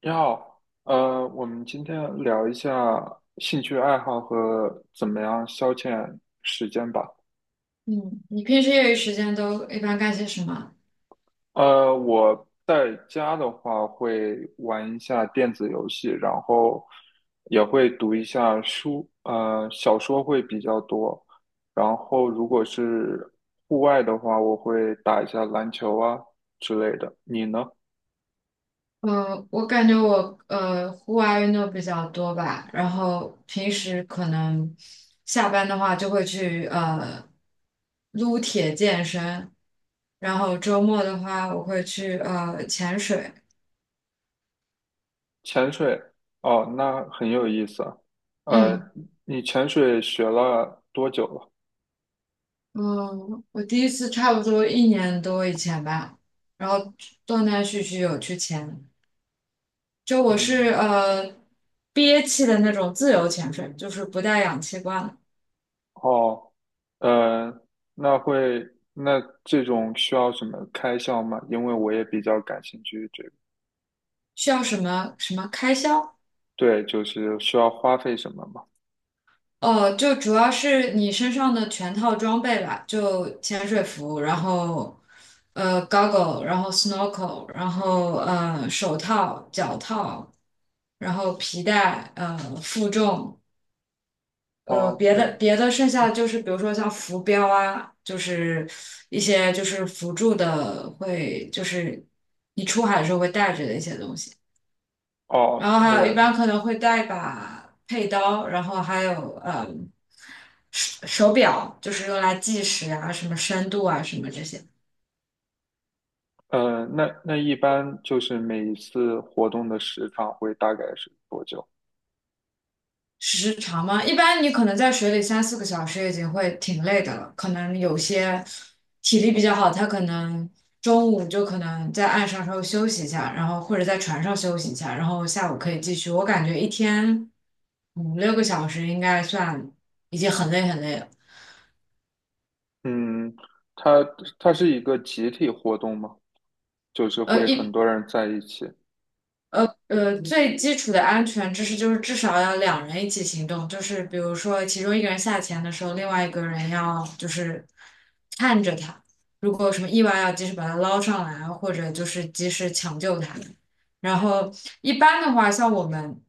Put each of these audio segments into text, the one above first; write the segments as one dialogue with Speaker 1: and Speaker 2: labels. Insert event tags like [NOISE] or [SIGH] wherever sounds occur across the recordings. Speaker 1: 你好，我们今天聊一下兴趣爱好和怎么样消遣时间吧。
Speaker 2: 嗯，你平时业余时间都一般干些什么？
Speaker 1: 我在家的话会玩一下电子游戏，然后也会读一下书，小说会比较多。然后如果是户外的话，我会打一下篮球啊之类的。你呢？
Speaker 2: 我感觉我户外运动比较多吧，然后平时可能下班的话就会去撸铁健身，然后周末的话我会去潜水。
Speaker 1: 潜水？哦，那很有意思啊。
Speaker 2: 嗯
Speaker 1: 呃，你潜水学了多久了？
Speaker 2: 嗯，我第一次差不多一年多以前吧，然后断断续续有去潜，就我是
Speaker 1: 嗯。
Speaker 2: 憋气的那种自由潜水，就是不带氧气罐。
Speaker 1: 哦。呃，那这种需要什么开销吗？因为我也比较感兴趣这个。
Speaker 2: 需要什么开销？
Speaker 1: 对，就是需要花费什么吗？
Speaker 2: 哦，就主要是你身上的全套装备吧，就潜水服，然后goggle，然后 snorkel，然后手套、脚套，然后皮带，负重，
Speaker 1: 哦，
Speaker 2: 别
Speaker 1: 没，
Speaker 2: 的别的剩下的就是比如说像浮标啊，就是一些就是辅助的会就是你出海的时候会带着的一些东西。然
Speaker 1: 哦，
Speaker 2: 后还有一般可能会带一把佩刀，然后还有手表，就是用来计时啊、什么深度啊、什么这些
Speaker 1: 呃，那一般就是每一次活动的时长会大概是多久？
Speaker 2: 时长嘛。一般你可能在水里三四个小时已经会挺累的了，可能有些体力比较好，他可能中午就可能在岸上稍微休息一下，然后或者在船上休息一下，然后下午可以继续。我感觉一天五六个小时应该算已经很累很累了。
Speaker 1: 嗯。它它是一个集体活动吗？就是
Speaker 2: 呃，
Speaker 1: 会很
Speaker 2: 一
Speaker 1: 多人在一起。
Speaker 2: 最基础的安全知识就是至少要两人一起行动，就是比如说其中一个人下潜的时候，另外一个人要就是看着他，如果有什么意外要及时把他捞上来，或者就是及时抢救他。然后一般的话，像我们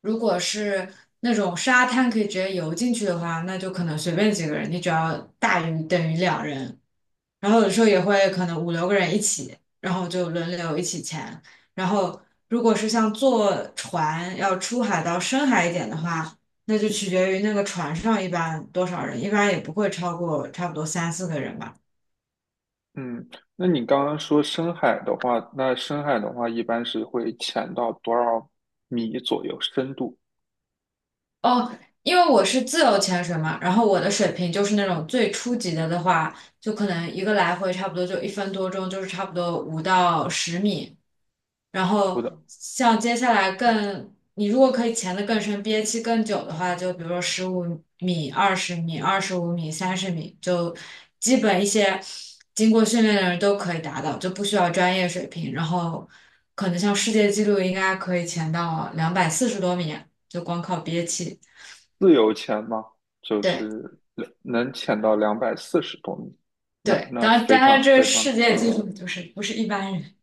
Speaker 2: 如果是那种沙滩可以直接游进去的话，那就可能随便几个人，你只要大于等于两人。然后有时候也会可能五六个人一起，然后就轮流一起潜。然后如果是像坐船要出海到深海一点的话，那就取决于那个船上一般多少人，一般也不会超过差不多三四个人吧。
Speaker 1: 嗯，那你刚刚说深海的话，那深海的话一般是会潜到多少米左右深度？
Speaker 2: 哦，因为我是自由潜水嘛，然后我的水平就是那种最初级的的话，就可能一个来回差不多就一分多钟，就是差不多5到10米。然
Speaker 1: 不
Speaker 2: 后
Speaker 1: 的。
Speaker 2: 像接下来更，你如果可以潜得更深，憋气更久的话，就比如说十五米、20米、25米、30米，就基本一些经过训练的人都可以达到，就不需要专业水平。然后可能像世界纪录应该可以潜到240多米，就光靠憋气。
Speaker 1: 自由潜吗？就
Speaker 2: 对
Speaker 1: 是能潜到240多米。那
Speaker 2: 对，
Speaker 1: 那
Speaker 2: 当然，
Speaker 1: 非
Speaker 2: 当然
Speaker 1: 常
Speaker 2: 这
Speaker 1: 非常大。
Speaker 2: 世界纪录就是不是一般人，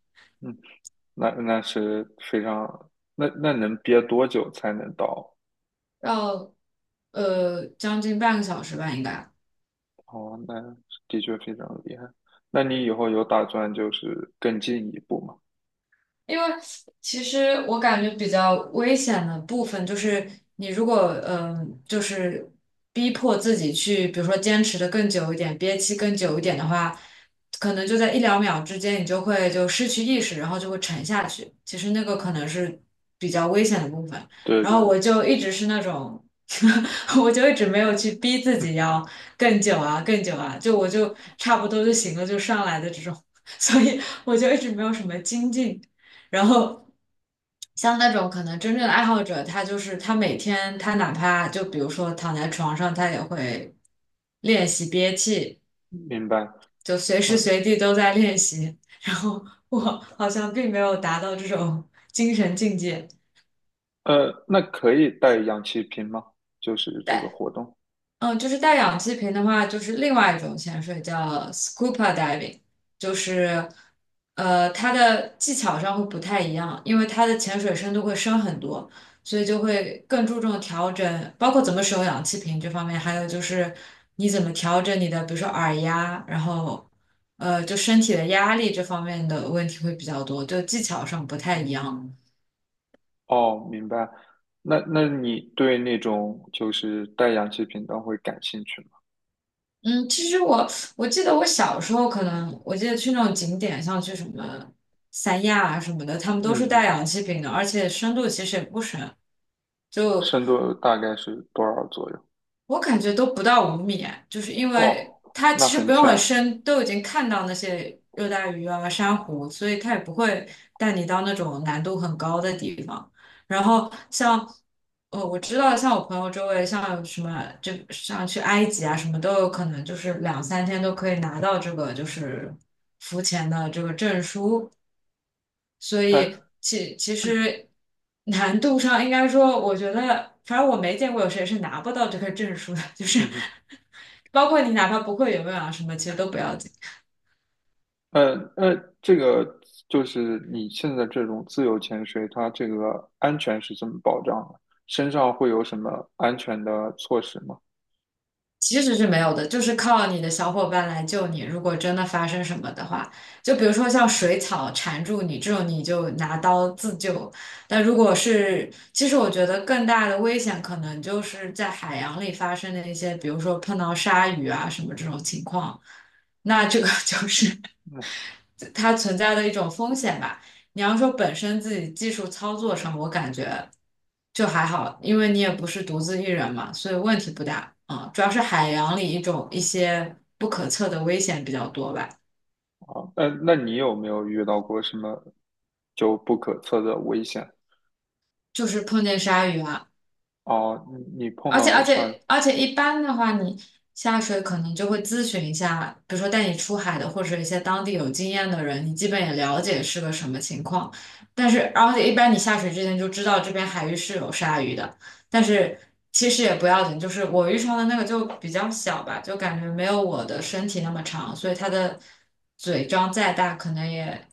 Speaker 1: 嗯，那是非常，那能憋多久才能到？
Speaker 2: 要将近半个小时吧，应该。
Speaker 1: 哦，那的确非常厉害。那你以后有打算就是更进一步吗？
Speaker 2: 因为其实我感觉比较危险的部分就是，你如果就是逼迫自己去，比如说坚持的更久一点，憋气更久一点的话，可能就在一两秒之间，你就会就失去意识，然后就会沉下去。其实那个可能是比较危险的部分。
Speaker 1: 对
Speaker 2: 然后
Speaker 1: 对。
Speaker 2: 我就一直是那种，[LAUGHS] 我就一直没有去逼自
Speaker 1: 嗯，
Speaker 2: 己要更久啊，更久啊，就我就差不多就行了，就上来的这种，[LAUGHS] 所以我就一直没有什么精进。然后像那种可能真正的爱好者，他就是他每天他哪怕就比如说躺在床上，他也会练习憋气，
Speaker 1: 明白。
Speaker 2: 就随时
Speaker 1: 嗯。
Speaker 2: 随地都在练习。[LAUGHS] 然后我好像并没有达到这种精神境界。
Speaker 1: 那可以带氧气瓶吗？就是这个活动。
Speaker 2: 嗯，就是带氧气瓶的话，就是另外一种潜水叫 scuba diving，就是它的技巧上会不太一样，因为它的潜水深度会深很多，所以就会更注重调整，包括怎么使用氧气瓶这方面，还有就是你怎么调整你的，比如说耳压，然后就身体的压力这方面的问题会比较多，就技巧上不太一样。
Speaker 1: 哦，明白。那你对那种就是带氧气瓶的会感兴趣吗？
Speaker 2: 嗯，其实我记得我小时候可能，我记得去那种景点，像去什么三亚啊什么的，他们都
Speaker 1: 嗯
Speaker 2: 是带
Speaker 1: 嗯。
Speaker 2: 氧气瓶的，而且深度其实也不深，就
Speaker 1: 深度大概是多少左右？
Speaker 2: 我感觉都不到五米，就是因为
Speaker 1: 哦，
Speaker 2: 它
Speaker 1: 那
Speaker 2: 其实
Speaker 1: 很
Speaker 2: 不用很
Speaker 1: 浅。
Speaker 2: 深，都已经看到那些热带鱼啊、珊瑚，所以它也不会带你到那种难度很高的地方。然后像，我知道像我朋友周围，像有什么就像去埃及啊，什么都有可能，就是两三天都可以拿到这个就是浮潜的这个证书。所
Speaker 1: 哎。
Speaker 2: 以其实难度上应该说，我觉得反正我没见过有谁是拿不到这个证书的，就是
Speaker 1: 嗯
Speaker 2: [LAUGHS] 包括你哪怕不会游泳啊什么，其实都不要紧。
Speaker 1: 嗯，这个就是你现在这种自由潜水，它这个安全是怎么保障的？身上会有什么安全的措施吗？
Speaker 2: 其实是没有的，就是靠你的小伙伴来救你。如果真的发生什么的话，就比如说像水草缠住你这种，你就拿刀自救。但如果是，其实我觉得更大的危险可能就是在海洋里发生的一些，比如说碰到鲨鱼啊什么这种情况，那这个 [LAUGHS] 就是
Speaker 1: 嗯。
Speaker 2: 它存在的一种风险吧。你要说本身自己技术操作上，我感觉就还好，因为你也不是独自一人嘛，所以问题不大。啊。主要是海洋里一些不可测的危险比较多吧，
Speaker 1: 好，那你有没有遇到过什么就不可测的危险？
Speaker 2: 就是碰见鲨鱼啊。
Speaker 1: 哦，你碰
Speaker 2: 而
Speaker 1: 到
Speaker 2: 且
Speaker 1: 过
Speaker 2: 而
Speaker 1: 上
Speaker 2: 且而且一般的话，你下水可能就会咨询一下，比如说带你出海的或者一些当地有经验的人，你基本也了解是个什么情况。但是而且一般你下水之前就知道这边海域是有鲨鱼的，但是其实也不要紧，就是我遇上的那个就比较小吧，就感觉没有我的身体那么长，所以它的嘴张再大可能也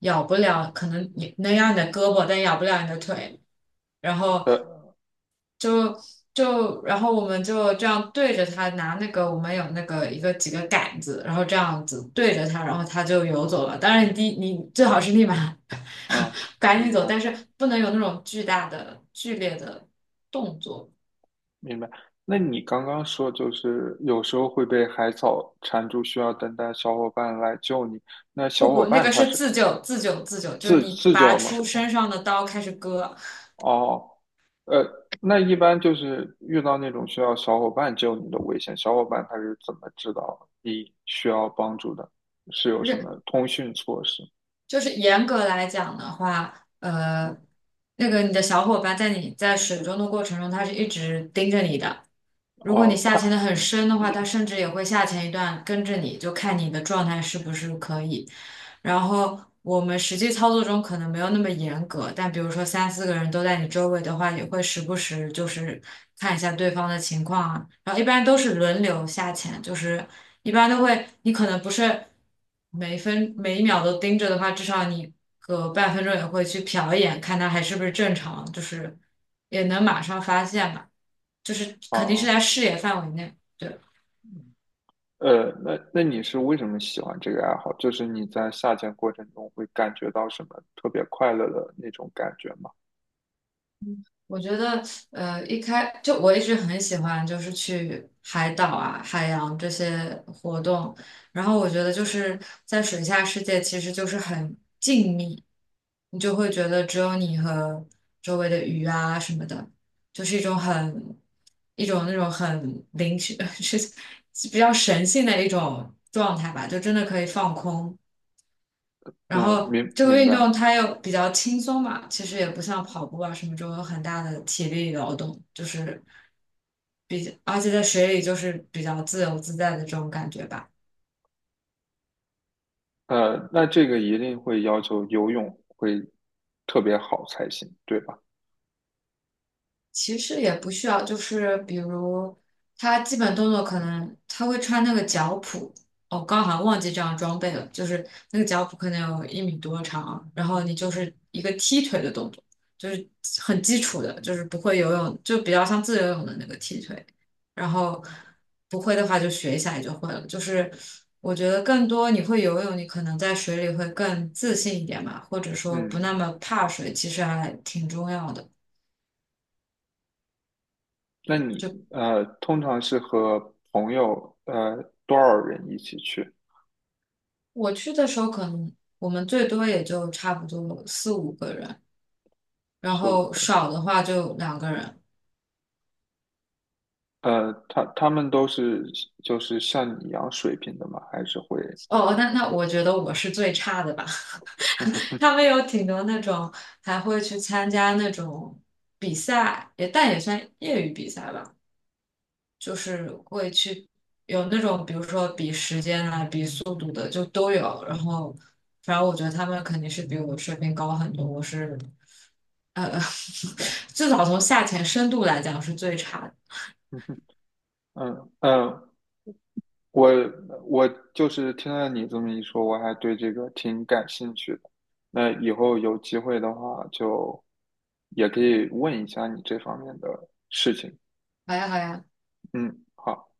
Speaker 2: 咬不了，可能你能咬你的胳膊，但咬不了你的腿。然后
Speaker 1: 呃
Speaker 2: 就就然后我们就这样对着它拿那个我们有那个一个几个杆子，然后这样子对着它，然后它就游走了。当然你最好是立马
Speaker 1: 啊。
Speaker 2: [LAUGHS] 赶
Speaker 1: 明
Speaker 2: 紧走，
Speaker 1: 白
Speaker 2: 但是不能有那种巨大的剧烈的动作。
Speaker 1: 明白。那你刚刚说就是有时候会被海草缠住，需要等待小伙伴来救你。那小
Speaker 2: 不
Speaker 1: 伙
Speaker 2: 不，那
Speaker 1: 伴
Speaker 2: 个
Speaker 1: 他
Speaker 2: 是
Speaker 1: 是
Speaker 2: 自救，自救，自救，就是
Speaker 1: 自
Speaker 2: 你
Speaker 1: 自
Speaker 2: 拔
Speaker 1: 救吗？
Speaker 2: 出身
Speaker 1: 哦
Speaker 2: 上的刀开始割，
Speaker 1: 哦。呃，那一般就是遇到那种需要小伙伴救你的危险，小伙伴他是怎么知道你需要帮助的？是有
Speaker 2: 就
Speaker 1: 什
Speaker 2: 是
Speaker 1: 么通讯措施？
Speaker 2: 就是严格来讲的话，
Speaker 1: 嗯。
Speaker 2: 那个你的小伙伴在你在水中的过程中，他是一直盯着你的。如果你
Speaker 1: 哦。
Speaker 2: 下潜
Speaker 1: 他
Speaker 2: 的很深的话，他甚至也会下潜一段跟着你，就看你的状态是不是可以。然后我们实际操作中可能没有那么严格，但比如说三四个人都在你周围的话，也会时不时就是看一下对方的情况啊。然后一般都是轮流下潜，就是一般都会，你可能不是每一分每一秒都盯着的话，至少你隔半分钟也会去瞟一眼，看他还是不是正常，就是也能马上发现吧。就是肯定是
Speaker 1: 哦。
Speaker 2: 在视野范围内。对，
Speaker 1: 那你是为什么喜欢这个爱好？就是你在下潜过程中会感觉到什么特别快乐的那种感觉吗？
Speaker 2: 我觉得，就我一直很喜欢，就是去海岛啊、海洋这些活动。然后我觉得就是在水下世界，其实就是很静谧，你就会觉得只有你和周围的鱼啊什么的，就是一种那种很灵性，[LAUGHS] 是比较神性的一种状态吧，就真的可以放空。然
Speaker 1: 嗯，
Speaker 2: 后
Speaker 1: 明
Speaker 2: 这个
Speaker 1: 明
Speaker 2: 运
Speaker 1: 白。
Speaker 2: 动它又比较轻松嘛，其实也不像跑步啊什么这种有很大的体力劳动，就是比较，而且在水里就是比较自由自在的这种感觉吧。
Speaker 1: 那这个一定会要求游泳会特别好才行，对吧？
Speaker 2: 其实也不需要，就是比如他基本动作可能他会穿那个脚蹼，哦，刚好像忘记这样装备了，就是那个脚蹼可能有1米多长，然后你就是一个踢腿的动作，就是很基础的，就是不会游泳，就比较像自由泳的那个踢腿，然后不会的话就学一下也就会了，就是我觉得更多你会游泳，你可能在水里会更自信一点嘛，或者说不
Speaker 1: 嗯，
Speaker 2: 那么怕水，其实还挺重要的。就
Speaker 1: 那你通常是和朋友多少人一起去？
Speaker 2: 我去的时候，可能我们最多也就差不多四五个人，然
Speaker 1: 四五
Speaker 2: 后
Speaker 1: 个人。
Speaker 2: 少的话就两个人。
Speaker 1: 他们都是就是像你一样水平的吗？还是会？
Speaker 2: 哦，那那我觉得我是最差的吧。
Speaker 1: [LAUGHS]
Speaker 2: [LAUGHS] 他们有挺多那种还会去参加那种比赛，也但也算业余比赛吧，就是会去有那种比如说比时间啊、比速度的就都有。然后，反正我觉得他们肯定是比我水平高很多。我是呃 [LAUGHS]，至少从下潜深度来讲是最差的。
Speaker 1: 嗯嗯。我我就是听了你这么一说，我还对这个挺感兴趣的。那以后有机会的话，就也可以问一下你这方面的事情。
Speaker 2: 好啊，好啊。
Speaker 1: 嗯，好。